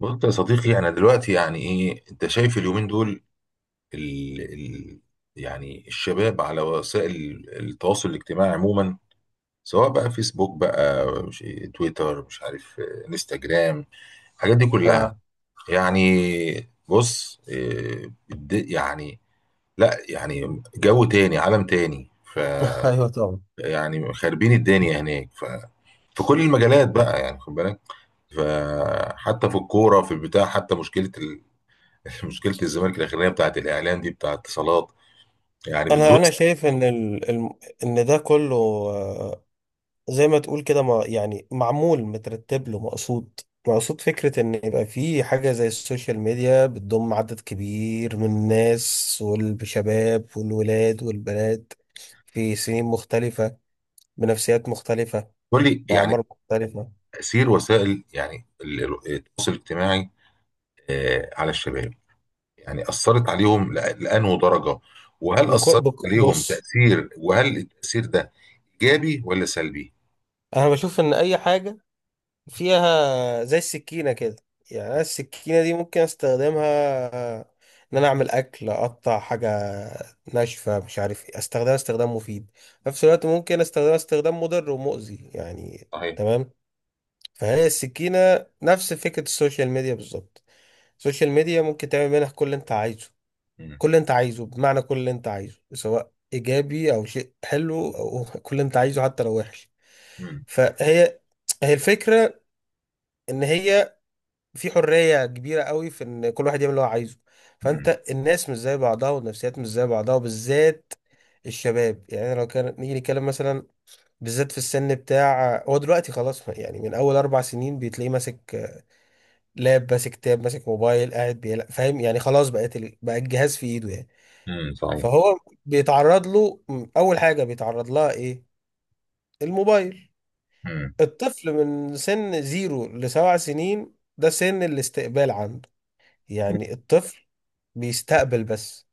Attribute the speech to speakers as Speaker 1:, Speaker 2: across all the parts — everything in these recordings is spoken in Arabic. Speaker 1: بص يا صديقي، انا دلوقتي يعني ايه؟ انت شايف اليومين دول، ال ال يعني الشباب على وسائل التواصل الاجتماعي عموما، سواء بقى فيسبوك بقى مش تويتر مش عارف انستجرام، الحاجات دي كلها
Speaker 2: آه.
Speaker 1: يعني. بص، يعني لا، يعني جو تاني، عالم تاني.
Speaker 2: ايوه طبعا.
Speaker 1: فيعني خاربين الدنيا هناك، في كل المجالات بقى، يعني خد بالك. فحتى في الكوره، في البتاع، حتى مشكله مشكله الزمالك الاخرانيه بتاعت الاعلام دي، بتاعت اتصالات، يعني
Speaker 2: انا
Speaker 1: بتبص.
Speaker 2: انا شايف ان ان ده كله، آه، زي ما تقول كده، ما يعني معمول مترتب له مقصود. فكرة ان يبقى في حاجة زي السوشيال ميديا بتضم عدد كبير من الناس والشباب والولاد والبنات في سنين مختلفة، بنفسيات مختلفة،
Speaker 1: كل يعني
Speaker 2: بأعمار مختلفة.
Speaker 1: تاثير وسائل يعني التواصل الاجتماعي على الشباب، يعني اثرت عليهم لانه درجه، وهل اثرت عليهم
Speaker 2: بص،
Speaker 1: تاثير؟ وهل التاثير ده ايجابي ولا سلبي؟
Speaker 2: انا بشوف ان اي حاجة فيها زي السكينة كده. يعني أنا السكينة دي ممكن استخدمها ان انا اعمل اكل، اقطع حاجة ناشفة، مش عارف ايه، استخدمها استخدام مفيد، في نفس الوقت ممكن استخدمها استخدام مضر ومؤذي يعني.
Speaker 1: صحيح.
Speaker 2: تمام. فهي السكينة نفس فكرة السوشيال ميديا بالظبط. السوشيال ميديا ممكن تعمل منها كل اللي انت عايزه.
Speaker 1: مم.
Speaker 2: كل اللي انت عايزه، بمعنى كل اللي انت عايزه سواء ايجابي او شيء حلو او كل اللي انت عايزه حتى لو وحش.
Speaker 1: مم.
Speaker 2: فهي هي الفكرة ان هي في حرية كبيرة قوي في ان كل واحد يعمل اللي هو عايزه.
Speaker 1: مم.
Speaker 2: فانت الناس مش زي بعضها، والنفسيات مش زي بعضها، وبالذات الشباب. يعني لو كان نيجي نتكلم مثلا، بالذات في السن بتاع هو دلوقتي خلاص، يعني من اول 4 سنين بتلاقيه ماسك لاب، ماسك تاب، ماسك موبايل، قاعد بيلعب، فاهم؟ يعني خلاص بقت بقى الجهاز في ايده يعني.
Speaker 1: مم. صحيح.
Speaker 2: فهو بيتعرض له. اول حاجة بيتعرض لها ايه؟ الموبايل.
Speaker 1: مم.
Speaker 2: الطفل من سن زيرو لسبع سنين ده سن الاستقبال عنده.
Speaker 1: مم.
Speaker 2: يعني الطفل بيستقبل بس.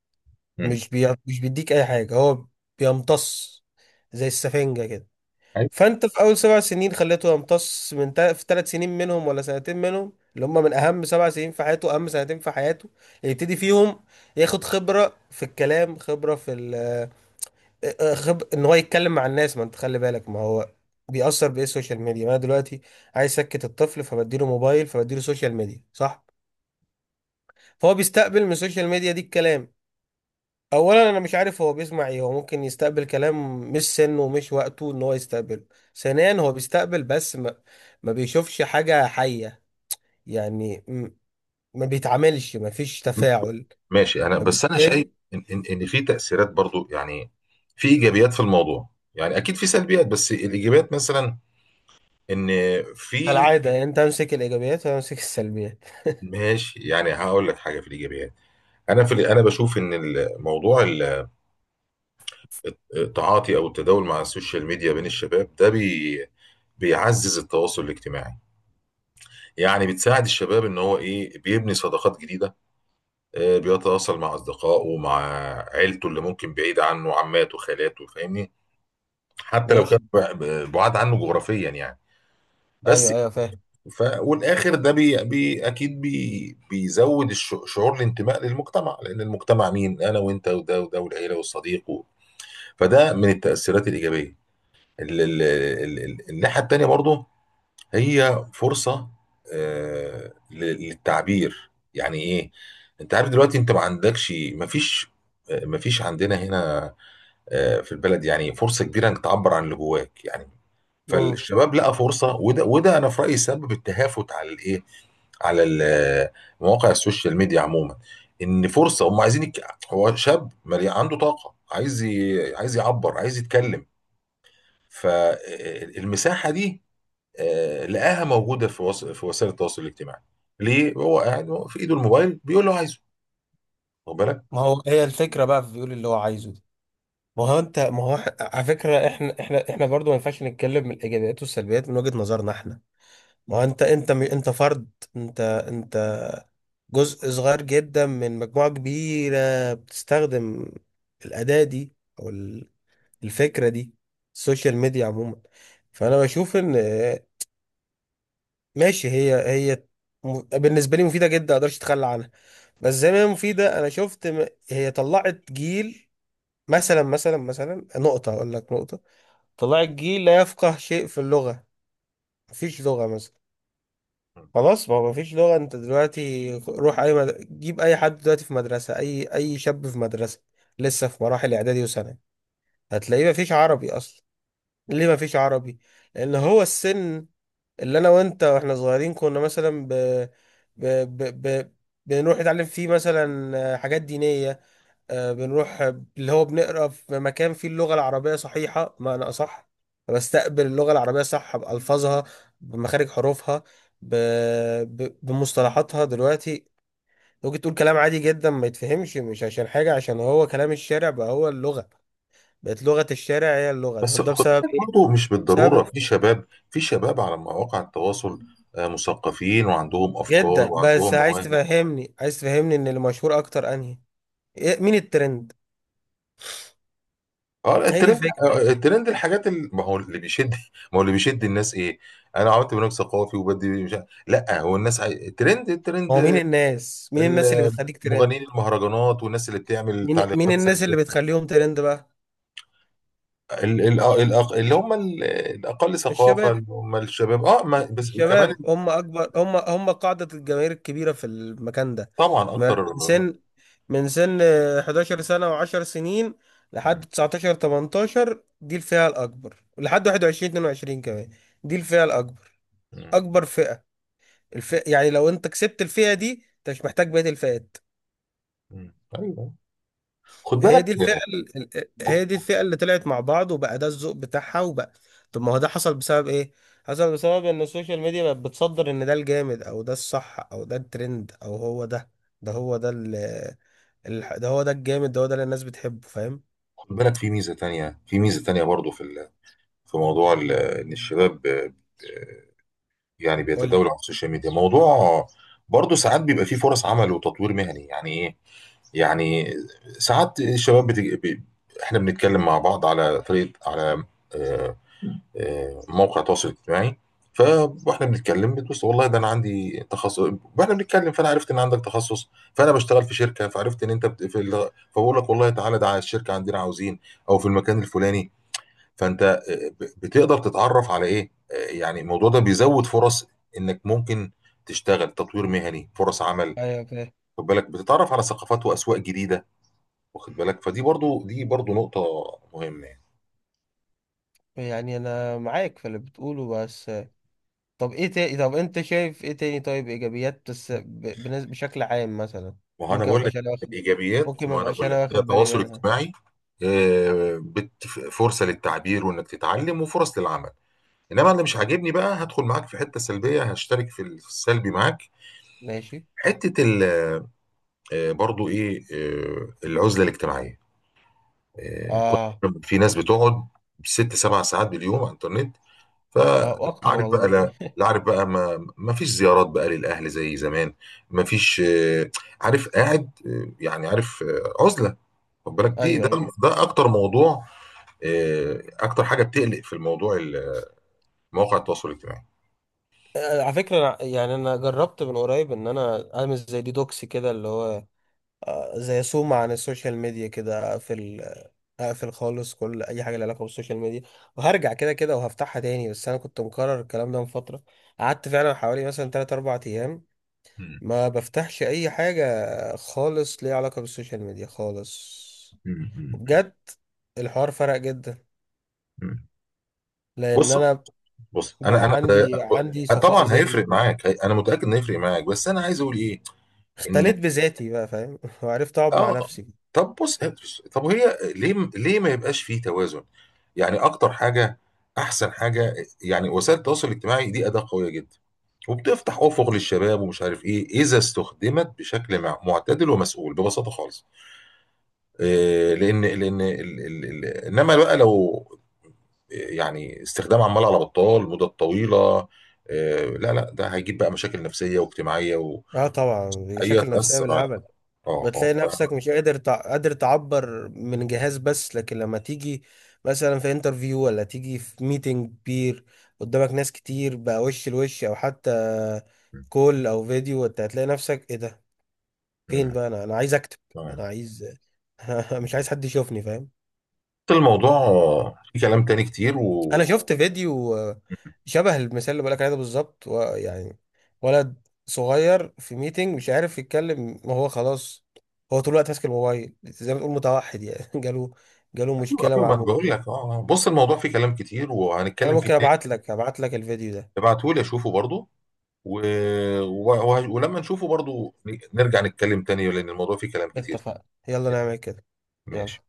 Speaker 1: مم.
Speaker 2: مش بيديك اي حاجه، هو بيمتص زي السفنجه كده.
Speaker 1: أيوة.
Speaker 2: فانت في اول 7 سنين خليته يمتص في 3 سنين منهم ولا سنتين منهم، اللي هم من اهم 7 سنين في حياته، اهم سنتين في حياته يبتدي فيهم ياخد خبره في الكلام، خبره في ال... آه، آه، خب... ان هو يتكلم مع الناس. ما انت خلي بالك، ما هو بيأثر بإيه؟ السوشيال ميديا. ما أنا دلوقتي عايز أسكت الطفل، فبديله موبايل، فبديله سوشيال ميديا، صح؟ فهو بيستقبل من السوشيال ميديا دي الكلام. اولا انا مش عارف هو بيسمع ايه، هو ممكن يستقبل كلام مش سنه ومش وقته ان هو يستقبله. ثانيا هو بيستقبل بس، ما بيشوفش حاجة حية. يعني م- ما بيتعاملش، ما فيش تفاعل.
Speaker 1: ماشي. انا بس انا شايف
Speaker 2: فبالتالي
Speaker 1: ان إن في تاثيرات برضو، يعني في ايجابيات في الموضوع. يعني اكيد في سلبيات، بس الايجابيات مثلا، ان في.
Speaker 2: كالعادة يعني انت امسك الايجابيات وانا امسك السلبيات.
Speaker 1: ماشي، يعني هقول لك حاجه في الايجابيات. انا في انا بشوف ان التعاطي او التداول مع السوشيال ميديا بين الشباب ده بيعزز التواصل الاجتماعي. يعني بتساعد الشباب ان هو ايه، بيبني صداقات جديده، بيتواصل مع اصدقائه ومع عيلته اللي ممكن بعيد عنه، عماته، خالاته، فاهمني؟ حتى لو كان
Speaker 2: ماشي.
Speaker 1: بعاد عنه جغرافيا يعني. بس
Speaker 2: ايوه، ايوه، فاهم.
Speaker 1: ف... والاخر ده بي... بي... اكيد بي... بيزود الش... شعور الانتماء للمجتمع، لان المجتمع مين؟ انا وانت وده وده والعيله والصديق و، فده من التاثيرات الايجابيه. الناحيه التانيه برضو، هي فرصه للتعبير، يعني ايه؟ انت عارف دلوقتي انت ما عندكش، ما فيش، ما فيش عندنا هنا في البلد يعني فرصه كبيره انك تعبر عن اللي جواك يعني.
Speaker 2: امم.
Speaker 1: فالشباب لقى فرصه، وده انا في رايي سبب التهافت على الايه، على مواقع السوشيال ميديا عموما. ان فرصه، هم عايزين هو شاب مليان عنده طاقه، عايز عايز يعبر، عايز يتكلم. فالمساحه دي لقاها موجوده في في وسائل التواصل الاجتماعي. ليه هو قاعد هو في ايده الموبايل بيقول له عايزه؟ واخد بالك.
Speaker 2: ما هو هي الفكرة بقى في بيقول اللي هو عايزه دي. ما هو انت، ما هو على فكرة، احنا برضو ما ينفعش نتكلم من الايجابيات والسلبيات من وجهة نظرنا احنا. ما هو انت، انت فرد. انت جزء صغير جدا من مجموعة كبيرة بتستخدم الأداة دي، أو ال- الفكرة دي، السوشيال ميديا عموما. فأنا بشوف إن آه، ماشي. هي بالنسبة لي مفيدة جدا، مقدرش أتخلى عنها. بس زي ما هي مفيدة، أنا شفت هي طلعت جيل. مثلا نقطة أقول لك، نقطة، طلعت جيل لا يفقه شيء في اللغة. مفيش لغة مثلا، خلاص. ما هو مفيش لغة. انت دلوقتي روح اي جيب اي حد دلوقتي في مدرسة، اي شاب في مدرسة لسه في مراحل اعدادي وثانوي، هتلاقيه مفيش عربي اصلا. ليه مفيش عربي؟ لان هو السن اللي انا وانت واحنا صغيرين كنا مثلا ب... ب... ب... بنروح نتعلم فيه مثلا حاجات دينية، بنروح، اللي هو بنقرا في مكان فيه اللغة العربية صحيحة، معنى أصح بستقبل اللغة العربية صح، بألفاظها، بمخارج حروفها، ب... بمصطلحاتها. دلوقتي ممكن تقول كلام عادي جدا ما يتفهمش، مش عشان حاجة، عشان هو كلام الشارع بقى، هو اللغة بقت لغة الشارع، هي اللغة.
Speaker 1: بس
Speaker 2: طب ده
Speaker 1: خد
Speaker 2: بسبب
Speaker 1: بالك
Speaker 2: إيه؟
Speaker 1: برضه، مش بالضروره،
Speaker 2: بسبب
Speaker 1: في شباب على مواقع التواصل مثقفين وعندهم افكار
Speaker 2: جدا. بس
Speaker 1: وعندهم
Speaker 2: عايز
Speaker 1: مواهب.
Speaker 2: تفهمني، عايز تفهمني إن اللي مشهور أكتر أنهي؟ مين الترند؟
Speaker 1: اه،
Speaker 2: هي دي
Speaker 1: الترند.
Speaker 2: الفكرة بقى.
Speaker 1: الترند، الحاجات اللي، ما هو اللي بيشد، ما هو اللي بيشد الناس ايه. انا عملت برنامج ثقافي وبدي مش عارف، لا هو الناس الترند
Speaker 2: هو مين
Speaker 1: الترند
Speaker 2: الناس؟ مين الناس اللي بتخليك ترند؟
Speaker 1: المغنيين، المهرجانات والناس اللي بتعمل
Speaker 2: مين
Speaker 1: تعليقات
Speaker 2: الناس
Speaker 1: سلبيه.
Speaker 2: اللي بتخليهم ترند بقى؟
Speaker 1: ال... ال... الأق... اللي هم ال... الاقل ثقافه،
Speaker 2: الشباب.
Speaker 1: اللي هم الشباب اه ما... بس كمان.
Speaker 2: الشباب هم هم قاعدة الجماهير الكبيرة في المكان ده.
Speaker 1: طبعا
Speaker 2: ما-
Speaker 1: اكتر.
Speaker 2: من سن من سن 11 سنة و10 سنين
Speaker 1: مم.
Speaker 2: لحد 19 18، دي الفئة الأكبر، لحد 21 22 كمان. دي الفئة الأكبر،
Speaker 1: مم.
Speaker 2: أكبر فئة، الفئة. يعني لو أنت كسبت الفئة دي، أنت مش محتاج بقية الفئات.
Speaker 1: مم. ايوه، خد
Speaker 2: هي
Speaker 1: بالك.
Speaker 2: دي الفئة هي دي الفئة اللي طلعت مع بعض، وبقى ده الذوق بتاعها وبقى. طب ما هو ده حصل بسبب ايه؟ حصل بسبب ان السوشيال ميديا بقت بتصدر ان ده الجامد، او ده الصح، او ده الترند، او هو ده. ده هو ده ال ده هو ده الجامد، ده هو ده اللي الناس بتحبه، فاهم؟
Speaker 1: خد بالك، في ميزه تانية، في ميزه تانية برضو، في في موضوع ان الشباب يعني
Speaker 2: قولي.
Speaker 1: بيتداولوا على السوشيال ميديا موضوع. برضه ساعات بيبقى فيه فرص عمل وتطوير مهني، يعني ايه؟ يعني ساعات الشباب احنا بنتكلم مع بعض على طريقه، على آه، موقع تواصل اجتماعي. ف- واحنا بنتكلم، بتبص والله ده انا عندي تخصص، واحنا بنتكلم فانا عرفت ان عندك تخصص، فانا بشتغل في شركه، فعرفت ان انت فبقول لك والله تعالى ده على الشركه عندنا عاوزين، او في المكان الفلاني. فانت بتقدر تتعرف على ايه، يعني الموضوع ده بيزود فرص، انك ممكن تشتغل، تطوير مهني، فرص عمل.
Speaker 2: ايوه فاهم،
Speaker 1: خد بالك، بتتعرف على ثقافات واسواق جديده، واخد بالك. فدي برضو نقطه مهمه يعني.
Speaker 2: يعني انا معاك في اللي بتقوله، بس طب ايه تاني؟ طب انت شايف ايه تاني؟ طيب ايجابيات بس، بشكل عام مثلا.
Speaker 1: ما هو انا
Speaker 2: ممكن ما
Speaker 1: بقول لك
Speaker 2: ابقاش انا واخد
Speaker 1: الايجابيات،
Speaker 2: ممكن ما
Speaker 1: ما انا
Speaker 2: ابقاش
Speaker 1: بقول لك
Speaker 2: انا
Speaker 1: هي
Speaker 2: واخد بالي
Speaker 1: تواصل
Speaker 2: منها.
Speaker 1: اجتماعي، آه، بت- فرصه للتعبير وانك تتعلم، وفرص للعمل. انما اللي مش عاجبني بقى، هدخل معاك في حته سلبيه، هشترك في السلبي معاك.
Speaker 2: ماشي.
Speaker 1: حته ال- آه، برضو ايه، العزله الاجتماعيه.
Speaker 2: اه.
Speaker 1: كنت في ناس بتقعد 6 7 ساعات باليوم على الانترنت.
Speaker 2: اه، واكتر
Speaker 1: فعارف بقى،
Speaker 2: والله.
Speaker 1: لا عارف بقى، ما فيش زيارات بقى للاهل زي زمان، ما فيش عارف قاعد، يعني عارف عزله. خد بالك، دي
Speaker 2: ايوه
Speaker 1: ده
Speaker 2: ايوه.
Speaker 1: ده اكتر موضوع، اكتر حاجه بتقلق في مواقع التواصل الاجتماعي.
Speaker 2: آه، على فكرة يعني أنا جربت من قريب إن أنا أعمل زي ديتوكس كده، اللي هو زي صوم عن السوشيال ميديا كده. أقفل، أقفل خالص كل أي حاجة لها علاقة بالسوشيال ميديا، وهرجع كده كده وهفتحها تاني. بس أنا كنت مكرر الكلام ده من فترة. قعدت فعلا حوالي مثلا 3 أربع أيام
Speaker 1: مم.
Speaker 2: ما بفتحش أي حاجة خالص ليها علاقة بالسوشيال ميديا خالص.
Speaker 1: مم. مم.
Speaker 2: وبجد الحوار فرق جدا،
Speaker 1: مم.
Speaker 2: لأن
Speaker 1: بص.
Speaker 2: أنا
Speaker 1: بص انا
Speaker 2: بقى
Speaker 1: انا
Speaker 2: عندي صفاء
Speaker 1: طبعا
Speaker 2: ذهني،
Speaker 1: هيفرق معاك، انا متاكد انه هيفرق معاك، بس انا عايز اقول ايه. ان
Speaker 2: اختليت بذاتي بقى، فاهم؟ وعرفت اقعد مع
Speaker 1: اه.
Speaker 2: نفسي.
Speaker 1: طب بص، طب هي ليه ما يبقاش فيه توازن؟ يعني اكتر حاجه، احسن حاجه، يعني وسائل التواصل الاجتماعي دي اداه قويه جدا، وبتفتح افق للشباب ومش عارف ايه، اذا استخدمت بشكل معتدل ومسؤول ببساطه خالص. لان انما بقى لو يعني استخدام عمال على بطال مده طويله، لا ده هيجيب بقى مشاكل نفسيه واجتماعيه، وهي
Speaker 2: اه طبعا. بشكل نفسية
Speaker 1: تاثر على
Speaker 2: بالهبل.
Speaker 1: اه.
Speaker 2: بتلاقي نفسك مش قادر تعبر من جهاز بس، لكن لما تيجي مثلا في انترفيو، ولا تيجي في ميتنج كبير قدامك ناس كتير بقى، وش لوش، او حتى كول او فيديو، انت هتلاقي نفسك ايه ده، فين
Speaker 1: مم.
Speaker 2: بقى؟ انا عايز اكتب، انا عايز مش عايز حد يشوفني، فاهم؟
Speaker 1: الموضوع في كلام تاني كتير و.
Speaker 2: انا شفت فيديو، شبه المثال اللي بقولك عليه ده بالظبط، ويعني ولد صغير في ميتنج مش عارف يتكلم. ما هو خلاص، هو طول الوقت ماسك الموبايل، زي ما تقول متوحد يعني. جاله
Speaker 1: ايوه
Speaker 2: مشكلة
Speaker 1: ايوه
Speaker 2: مع
Speaker 1: ما انا بقول
Speaker 2: الموبايل.
Speaker 1: لك، اه آه. بص، الموضوع فيه كلام كتير،
Speaker 2: انا
Speaker 1: وهنتكلم فيه
Speaker 2: ممكن
Speaker 1: تاني.
Speaker 2: ابعت لك الفيديو ده.
Speaker 1: ابعته لي اشوفه برضو، و... و... ولما نشوفه برضو، نرجع نتكلم تاني، لان الموضوع فيه كلام كتير.
Speaker 2: اتفقنا، يلا نعمل كده.
Speaker 1: ماشي.
Speaker 2: يلا.